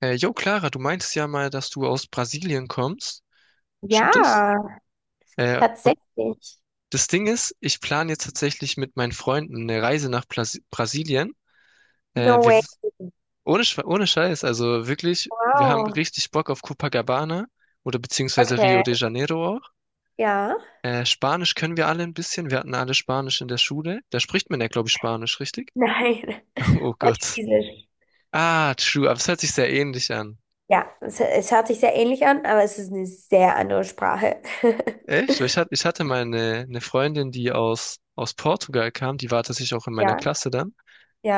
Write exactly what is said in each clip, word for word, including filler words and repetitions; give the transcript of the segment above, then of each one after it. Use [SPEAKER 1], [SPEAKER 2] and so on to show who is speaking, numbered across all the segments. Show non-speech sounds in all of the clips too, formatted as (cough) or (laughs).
[SPEAKER 1] Äh, jo, Clara, du meintest ja mal, dass du aus Brasilien kommst.
[SPEAKER 2] Ja,
[SPEAKER 1] Stimmt das? Äh, und
[SPEAKER 2] tatsächlich.
[SPEAKER 1] das Ding ist, ich plane jetzt tatsächlich mit meinen Freunden eine Reise nach Plas Brasilien. Äh,
[SPEAKER 2] No
[SPEAKER 1] wir,
[SPEAKER 2] way.
[SPEAKER 1] ohne, Schwe- ohne Scheiß, also wirklich, wir haben
[SPEAKER 2] Wow.
[SPEAKER 1] richtig Bock auf Copacabana oder beziehungsweise
[SPEAKER 2] Okay.
[SPEAKER 1] Rio de Janeiro auch.
[SPEAKER 2] Ja.
[SPEAKER 1] Äh, Spanisch können wir alle ein bisschen. Wir hatten alle Spanisch in der Schule. Da spricht man ja, glaube ich, Spanisch, richtig?
[SPEAKER 2] Nein.
[SPEAKER 1] (laughs) Oh
[SPEAKER 2] (laughs)
[SPEAKER 1] Gott.
[SPEAKER 2] Portugiesisch.
[SPEAKER 1] Ah, true, aber es hört sich sehr ähnlich an.
[SPEAKER 2] Ja, es, es hört sich sehr ähnlich an, aber es ist eine sehr andere Sprache. (laughs)
[SPEAKER 1] Echt? Weil Ich hatte, ich hatte mal eine, eine Freundin, die aus, aus Portugal kam, die war tatsächlich auch in meiner
[SPEAKER 2] Ja,
[SPEAKER 1] Klasse dann.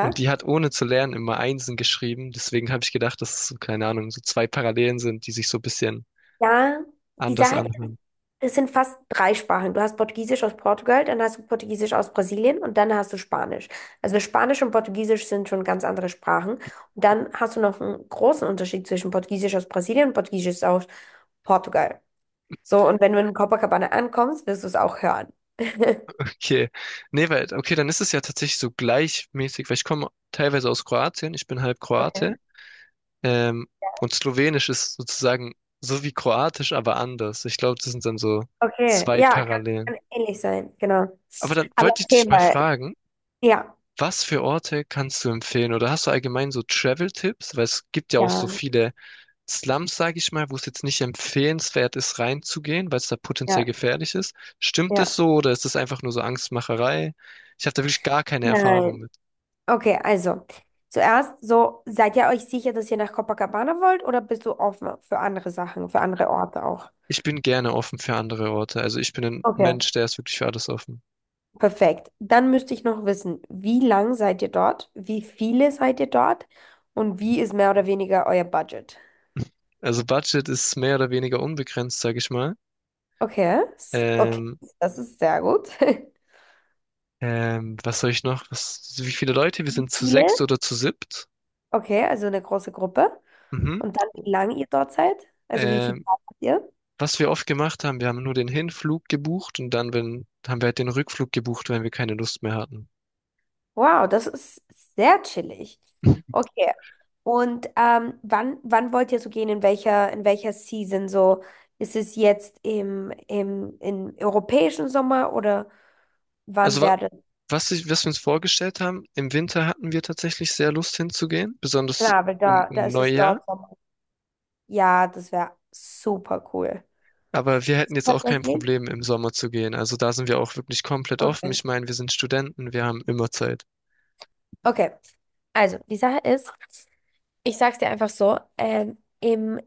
[SPEAKER 1] Und die hat ohne zu lernen immer Einsen geschrieben. Deswegen habe ich gedacht, dass es so, keine Ahnung, so zwei Parallelen sind, die sich so ein bisschen
[SPEAKER 2] Ja, die
[SPEAKER 1] anders
[SPEAKER 2] Sache,
[SPEAKER 1] anhören. (laughs)
[SPEAKER 2] es sind fast drei Sprachen. Du hast Portugiesisch aus Portugal, dann hast du Portugiesisch aus Brasilien und dann hast du Spanisch. Also Spanisch und Portugiesisch sind schon ganz andere Sprachen. Und dann hast du noch einen großen Unterschied zwischen Portugiesisch aus Brasilien und Portugiesisch aus Portugal. So, und wenn du in Copacabana ankommst, wirst du es auch hören. (laughs)
[SPEAKER 1] Okay. Nee, weil, okay, dann ist es ja tatsächlich so gleichmäßig, weil ich komme teilweise aus Kroatien, ich bin halb
[SPEAKER 2] Okay.
[SPEAKER 1] Kroate. Ähm, und Slowenisch ist sozusagen so wie Kroatisch, aber anders. Ich glaube, das sind dann so
[SPEAKER 2] Okay,
[SPEAKER 1] zwei
[SPEAKER 2] ja, kann,
[SPEAKER 1] Parallelen.
[SPEAKER 2] kann ähnlich sein, genau.
[SPEAKER 1] Aber dann
[SPEAKER 2] Aber
[SPEAKER 1] wollte ich
[SPEAKER 2] erzähl
[SPEAKER 1] dich mal
[SPEAKER 2] mal.
[SPEAKER 1] fragen:
[SPEAKER 2] Ja,
[SPEAKER 1] Was für Orte kannst du empfehlen? Oder hast du allgemein so Travel-Tipps? Weil es gibt ja auch so
[SPEAKER 2] ja,
[SPEAKER 1] viele Slums, sage ich mal, wo es jetzt nicht empfehlenswert ist, reinzugehen, weil es da potenziell
[SPEAKER 2] ja,
[SPEAKER 1] gefährlich ist. Stimmt das
[SPEAKER 2] ja.
[SPEAKER 1] so oder ist das einfach nur so Angstmacherei? Ich habe da wirklich gar keine Erfahrung
[SPEAKER 2] Nein.
[SPEAKER 1] mit.
[SPEAKER 2] Okay, also. Zuerst, so, seid ihr euch sicher, dass ihr nach Copacabana wollt oder bist du offen für andere Sachen, für andere Orte auch?
[SPEAKER 1] Ich bin gerne offen für andere Orte. Also ich bin ein
[SPEAKER 2] Okay.
[SPEAKER 1] Mensch, der ist wirklich für alles offen.
[SPEAKER 2] Perfekt. Dann müsste ich noch wissen, wie lang seid ihr dort? Wie viele seid ihr dort? Und wie ist mehr oder weniger euer Budget?
[SPEAKER 1] Also Budget ist mehr oder weniger unbegrenzt, sage ich mal.
[SPEAKER 2] Okay, s- okay,
[SPEAKER 1] Ähm,
[SPEAKER 2] das ist sehr gut. (laughs)
[SPEAKER 1] ähm, Was soll ich noch? Was, wie viele Leute? Wir
[SPEAKER 2] Wie
[SPEAKER 1] sind zu
[SPEAKER 2] viele?
[SPEAKER 1] sechst oder zu siebt.
[SPEAKER 2] Okay, also eine große Gruppe.
[SPEAKER 1] Mhm.
[SPEAKER 2] Und dann, wie lange ihr dort seid? Also wie viel
[SPEAKER 1] Ähm,
[SPEAKER 2] Zeit habt ihr?
[SPEAKER 1] Was wir oft gemacht haben, wir haben nur den Hinflug gebucht und dann, wenn, haben wir halt den Rückflug gebucht, wenn wir keine Lust mehr hatten.
[SPEAKER 2] Wow, das ist sehr chillig.
[SPEAKER 1] (laughs)
[SPEAKER 2] Okay. Und ähm, wann, wann wollt ihr so gehen? In welcher, in welcher Season? So, ist es jetzt im, im, im europäischen Sommer oder wann
[SPEAKER 1] Also wa-
[SPEAKER 2] wäre das?
[SPEAKER 1] was, ich, was wir uns vorgestellt haben, im Winter hatten wir tatsächlich sehr Lust hinzugehen, besonders
[SPEAKER 2] Klar, weil
[SPEAKER 1] um,
[SPEAKER 2] da, da
[SPEAKER 1] um
[SPEAKER 2] ist es
[SPEAKER 1] Neujahr.
[SPEAKER 2] dort Sommer. Ja, das wäre super cool.
[SPEAKER 1] Aber wir hätten jetzt auch kein
[SPEAKER 2] Tatsächlich?
[SPEAKER 1] Problem, im Sommer zu gehen. Also da sind wir auch wirklich komplett offen.
[SPEAKER 2] Okay.
[SPEAKER 1] Ich meine, wir sind Studenten, wir haben immer Zeit.
[SPEAKER 2] Okay, also die Sache ist, ich sag's dir einfach so, ähm, im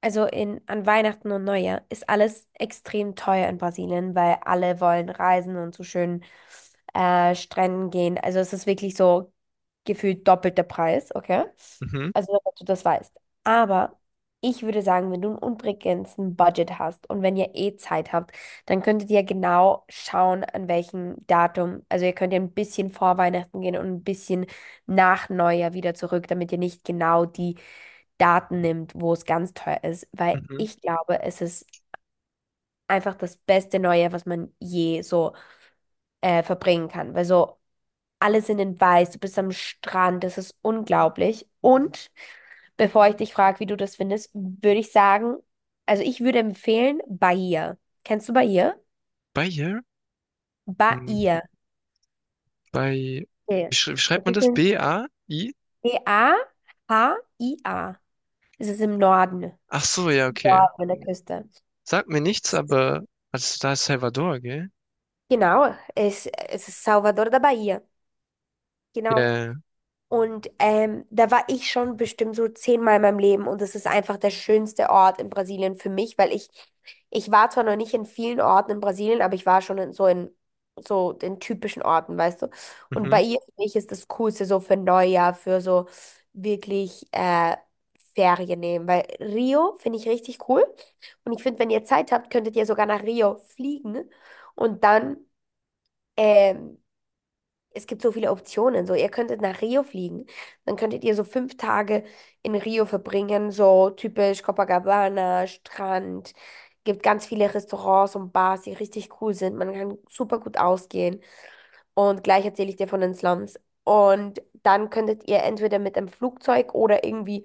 [SPEAKER 2] also in, an Weihnachten und Neujahr ist alles extrem teuer in Brasilien, weil alle wollen reisen und zu schönen äh, Stränden gehen. Also es ist wirklich so gefühlt doppelt der Preis, okay?
[SPEAKER 1] Mhm,
[SPEAKER 2] Also damit du das weißt. Aber ich würde sagen, wenn du ein unbegrenzten Budget hast und wenn ihr eh Zeit habt, dann könntet ihr genau schauen, an welchem Datum. Also ihr könnt ja ein bisschen vor Weihnachten gehen und ein bisschen nach Neujahr wieder zurück, damit ihr nicht genau die Daten nimmt, wo es ganz teuer ist, weil
[SPEAKER 1] mhm.
[SPEAKER 2] ich glaube, es ist einfach das beste Neue, was man je so äh, verbringen kann. Weil so alle sind in Weiß, du bist am Strand, das ist unglaublich. Und bevor ich dich frage, wie du das findest, würde ich sagen, also ich würde empfehlen Bahia. Kennst du Bahia?
[SPEAKER 1] Bei ihr? Hm.
[SPEAKER 2] Bahia.
[SPEAKER 1] Bei, wie,
[SPEAKER 2] Okay.
[SPEAKER 1] schrei- wie schreibt
[SPEAKER 2] Das
[SPEAKER 1] man
[SPEAKER 2] ist
[SPEAKER 1] das?
[SPEAKER 2] in
[SPEAKER 1] B A I?
[SPEAKER 2] B A H I A. Es ist im Norden.
[SPEAKER 1] Ach so, ja, okay.
[SPEAKER 2] Norden an der Küste.
[SPEAKER 1] Sagt mir nichts, aber also da ist Salvador, gell?
[SPEAKER 2] Genau, es, es ist Salvador da Bahia.
[SPEAKER 1] Ja,
[SPEAKER 2] Genau.
[SPEAKER 1] ja, ja.
[SPEAKER 2] Und ähm, da war ich schon bestimmt so zehnmal in meinem Leben und es ist einfach der schönste Ort in Brasilien für mich, weil ich, ich war zwar noch nicht in vielen Orten in Brasilien, aber ich war schon in so in so den typischen Orten, weißt du. Und bei
[SPEAKER 1] Mhm,
[SPEAKER 2] ihr für mich ist das Coolste so für Neujahr, für so wirklich äh, Ferien nehmen, weil Rio finde ich richtig cool und ich finde, wenn ihr Zeit habt, könntet ihr sogar nach Rio fliegen und dann ähm, es gibt so viele Optionen. So, ihr könntet nach Rio fliegen. Dann könntet ihr so fünf Tage in Rio verbringen, so typisch Copacabana, Strand. Gibt ganz viele Restaurants und Bars, die richtig cool sind. Man kann super gut ausgehen. Und gleich erzähle ich dir von den Slums. Und dann könntet ihr entweder mit einem Flugzeug oder irgendwie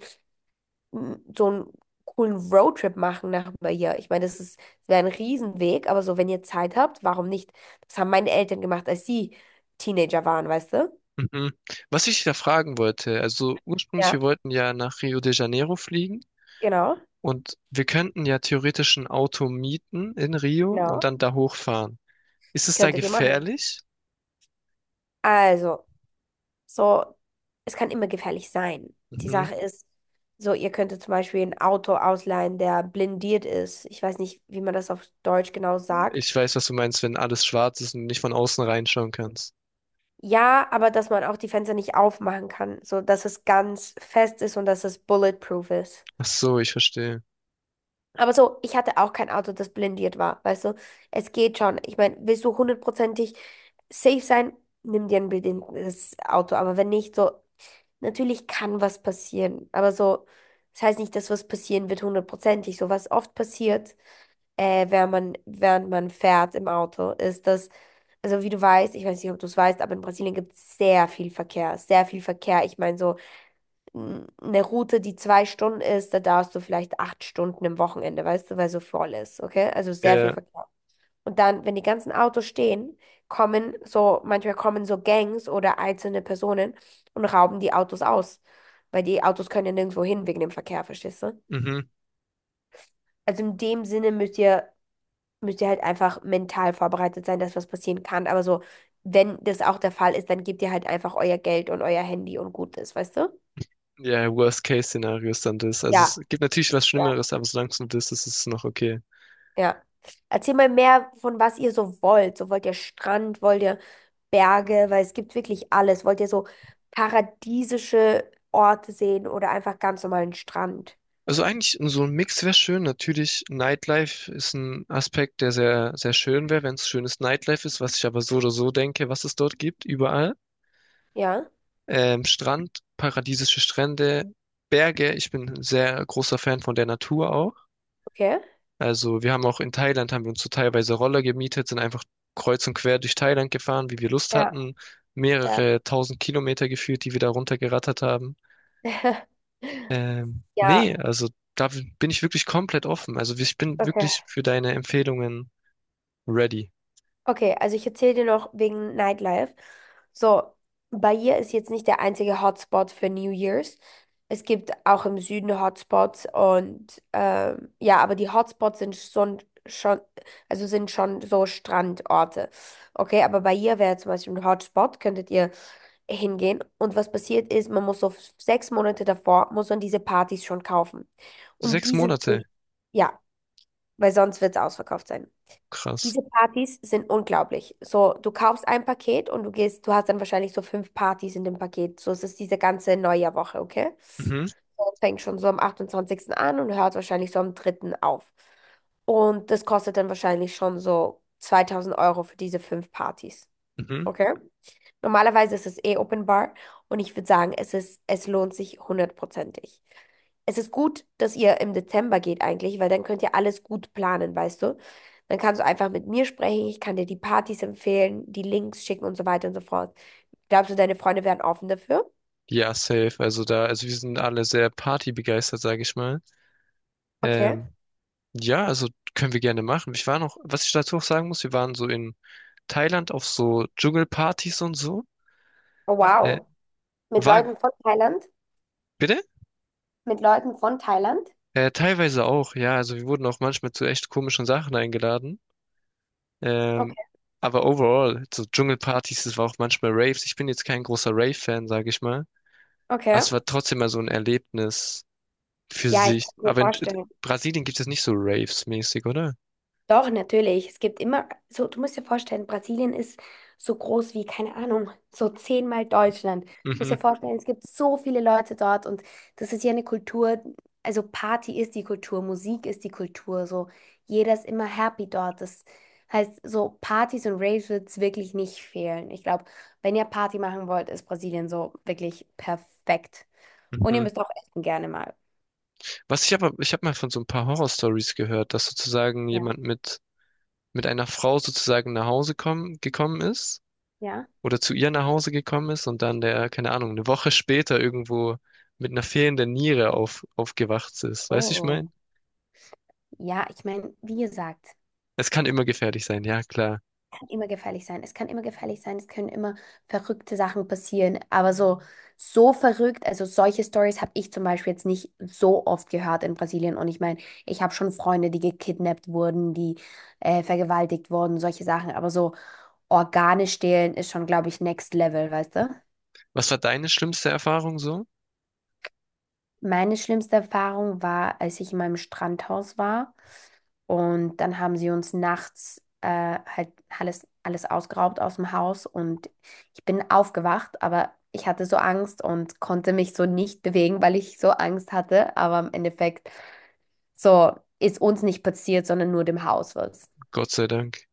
[SPEAKER 2] mm, so einen coolen Roadtrip machen nach hier. Ich meine, das ist, das wäre ein Riesenweg, aber so, wenn ihr Zeit habt, warum nicht? Das haben meine Eltern gemacht, als sie Teenager waren, weißt du?
[SPEAKER 1] mhm. Was ich da fragen wollte, also ursprünglich, wir
[SPEAKER 2] Ja,
[SPEAKER 1] wollten ja nach Rio de Janeiro fliegen
[SPEAKER 2] genau,
[SPEAKER 1] und wir könnten ja theoretisch ein Auto mieten in Rio und
[SPEAKER 2] genau.
[SPEAKER 1] dann da hochfahren. Ist es da
[SPEAKER 2] Könntet ihr machen.
[SPEAKER 1] gefährlich?
[SPEAKER 2] Also, so, es kann immer gefährlich sein. Die
[SPEAKER 1] Mhm.
[SPEAKER 2] Sache ist, so, ihr könntet zum Beispiel ein Auto ausleihen, der blindiert ist. Ich weiß nicht, wie man das auf Deutsch genau sagt.
[SPEAKER 1] Ich weiß, was du meinst, wenn alles schwarz ist und du nicht von außen reinschauen kannst.
[SPEAKER 2] Ja, aber dass man auch die Fenster nicht aufmachen kann, so dass es ganz fest ist und dass es bulletproof ist.
[SPEAKER 1] Ach so, ich verstehe.
[SPEAKER 2] Aber so, ich hatte auch kein Auto, das blindiert war. Weißt du, es geht schon. Ich meine, willst du hundertprozentig safe sein, nimm dir ein blindiertes Auto. Aber wenn nicht, so natürlich kann was passieren, aber so, das heißt nicht, dass was passieren wird hundertprozentig. So was oft passiert, äh, während man, während man fährt im Auto, ist, dass, also wie du weißt, ich weiß nicht, ob du es weißt, aber in Brasilien gibt es sehr viel Verkehr, sehr viel Verkehr. Ich meine, so n- eine Route, die zwei Stunden ist, da darfst du vielleicht acht Stunden im Wochenende, weißt du, weil so voll ist, okay? Also sehr viel
[SPEAKER 1] Ja,
[SPEAKER 2] Verkehr. Und dann, wenn die ganzen Autos stehen, kommen so, manchmal kommen so Gangs oder einzelne Personen und rauben die Autos aus. Weil die Autos können ja nirgendwo hin wegen dem Verkehr, verstehst du?
[SPEAKER 1] mhm.
[SPEAKER 2] Also in dem Sinne müsst ihr, müsst ihr halt einfach mental vorbereitet sein, dass was passieren kann. Aber so, wenn das auch der Fall ist, dann gebt ihr halt einfach euer Geld und euer Handy und gut ist, weißt du?
[SPEAKER 1] Ja, Worst-Case-Szenario ist dann das. Also
[SPEAKER 2] Ja.
[SPEAKER 1] es gibt natürlich was
[SPEAKER 2] Ja.
[SPEAKER 1] Schlimmeres, aber solange es nur das ist, ist es noch okay.
[SPEAKER 2] Ja. Erzähl mal mehr von was ihr so wollt. So wollt ihr Strand, wollt ihr Berge, weil es gibt wirklich alles. Wollt ihr so paradiesische Orte sehen oder einfach ganz normalen Strand?
[SPEAKER 1] Also eigentlich so ein Mix wäre schön. Natürlich, Nightlife ist ein Aspekt, der sehr, sehr schön wäre, wenn es schönes Nightlife ist, was ich aber so oder so denke, was es dort gibt, überall.
[SPEAKER 2] Ja,
[SPEAKER 1] Ähm, Strand, paradiesische Strände, Berge. Ich bin ein sehr großer Fan von der Natur auch.
[SPEAKER 2] okay.
[SPEAKER 1] Also wir haben auch in Thailand, haben wir uns so teilweise Roller gemietet, sind einfach kreuz und quer durch Thailand gefahren, wie wir Lust
[SPEAKER 2] Ja,
[SPEAKER 1] hatten.
[SPEAKER 2] ja.
[SPEAKER 1] Mehrere tausend Kilometer geführt, die wir da runtergerattert haben.
[SPEAKER 2] (laughs)
[SPEAKER 1] Ähm, nee,
[SPEAKER 2] Ja,
[SPEAKER 1] also da bin ich wirklich komplett offen. Also ich bin
[SPEAKER 2] okay.
[SPEAKER 1] wirklich für deine Empfehlungen ready.
[SPEAKER 2] Okay, also ich erzähle dir noch wegen Nightlife. So, Bahia ist jetzt nicht der einzige Hotspot für New Year's. Es gibt auch im Süden Hotspots und ähm, ja, aber die Hotspots sind schon, schon, also sind schon so Strandorte. Okay, aber Bahia wäre zum Beispiel ein Hotspot, könntet ihr hingehen. Und was passiert ist, man muss so f- sechs Monate davor, muss man diese Partys schon kaufen. Und
[SPEAKER 1] Sechs
[SPEAKER 2] die sind,
[SPEAKER 1] Monate,
[SPEAKER 2] ja, weil sonst wird es ausverkauft sein.
[SPEAKER 1] krass.
[SPEAKER 2] Diese Partys sind unglaublich. So, du kaufst ein Paket und du gehst, du hast dann wahrscheinlich so fünf Partys in dem Paket. So, es ist diese ganze Neujahrwoche, okay?
[SPEAKER 1] Mhm,
[SPEAKER 2] So, fängt schon so am achtundzwanzigsten an und hört wahrscheinlich so am dritten auf. Und das kostet dann wahrscheinlich schon so zweitausend Euro für diese fünf Partys.
[SPEAKER 1] mhm.
[SPEAKER 2] Okay. Normalerweise ist es eh Open Bar und ich würde sagen, es ist, es lohnt sich hundertprozentig. Es ist gut, dass ihr im Dezember geht eigentlich, weil dann könnt ihr alles gut planen, weißt du? Dann kannst du einfach mit mir sprechen, ich kann dir die Partys empfehlen, die Links schicken und so weiter und so fort. Glaubst du, deine Freunde wären offen dafür?
[SPEAKER 1] Ja, safe. Also da, also wir sind alle sehr partybegeistert, sage ich mal.
[SPEAKER 2] Okay.
[SPEAKER 1] Ähm, Ja, also können wir gerne machen. Ich war noch, was ich dazu auch sagen muss, wir waren so in Thailand auf so Dschungelpartys und so.
[SPEAKER 2] Oh,
[SPEAKER 1] Äh,
[SPEAKER 2] wow. Mit
[SPEAKER 1] war,
[SPEAKER 2] Leuten von Thailand?
[SPEAKER 1] Bitte?
[SPEAKER 2] Mit Leuten von Thailand?
[SPEAKER 1] Äh, teilweise auch, ja. Also wir wurden auch manchmal zu echt komischen Sachen eingeladen. Ähm,
[SPEAKER 2] Okay.
[SPEAKER 1] aber overall, so Dschungelpartys, das war auch manchmal Raves. Ich bin jetzt kein großer Rave-Fan, sage ich mal. Aber
[SPEAKER 2] Okay.
[SPEAKER 1] es war trotzdem mal so ein Erlebnis für
[SPEAKER 2] Ja, ich
[SPEAKER 1] sich.
[SPEAKER 2] kann mir
[SPEAKER 1] Aber in äh,
[SPEAKER 2] vorstellen.
[SPEAKER 1] Brasilien gibt es nicht so Raves-mäßig, oder?
[SPEAKER 2] Doch, natürlich. Es gibt immer, so, du musst dir vorstellen, Brasilien ist so groß wie, keine Ahnung, so zehnmal Deutschland. Du musst
[SPEAKER 1] Mhm,
[SPEAKER 2] dir vorstellen, es gibt so viele Leute dort und das ist ja eine Kultur, also Party ist die Kultur, Musik ist die Kultur, so jeder ist immer happy dort. Das heißt, so Partys und Raves wird es wirklich nicht fehlen. Ich glaube, wenn ihr Party machen wollt, ist Brasilien so wirklich perfekt. Und ihr
[SPEAKER 1] mhm.
[SPEAKER 2] müsst auch essen gerne mal.
[SPEAKER 1] Was ich aber, ich habe mal von so ein paar Horror-Stories gehört, dass sozusagen
[SPEAKER 2] Ja,
[SPEAKER 1] jemand mit, mit einer Frau sozusagen nach Hause kommen, gekommen ist
[SPEAKER 2] ja.
[SPEAKER 1] oder zu ihr nach Hause gekommen ist und dann der, keine Ahnung, eine Woche später irgendwo mit einer fehlenden Niere auf, aufgewacht ist.
[SPEAKER 2] Oh,
[SPEAKER 1] Weißt du, ich mein?
[SPEAKER 2] oh. Ja, ich meine, wie gesagt.
[SPEAKER 1] Es kann immer gefährlich sein, ja klar.
[SPEAKER 2] Kann immer gefährlich sein. Es kann immer gefährlich sein. Es können immer verrückte Sachen passieren. Aber so, so verrückt, also solche Stories habe ich zum Beispiel jetzt nicht so oft gehört in Brasilien. Und ich meine, ich habe schon Freunde, die gekidnappt wurden, die äh, vergewaltigt wurden, solche Sachen. Aber so Organe stehlen ist schon, glaube ich, next level, weißt du?
[SPEAKER 1] Was war deine schlimmste Erfahrung so?
[SPEAKER 2] Meine schlimmste Erfahrung war, als ich in meinem Strandhaus war und dann haben sie uns nachts äh, halt alles, alles ausgeraubt aus dem Haus und ich bin aufgewacht, aber ich hatte so Angst und konnte mich so nicht bewegen, weil ich so Angst hatte. Aber im Endeffekt so ist uns nicht passiert, sondern nur dem Haus was.
[SPEAKER 1] Gott sei Dank.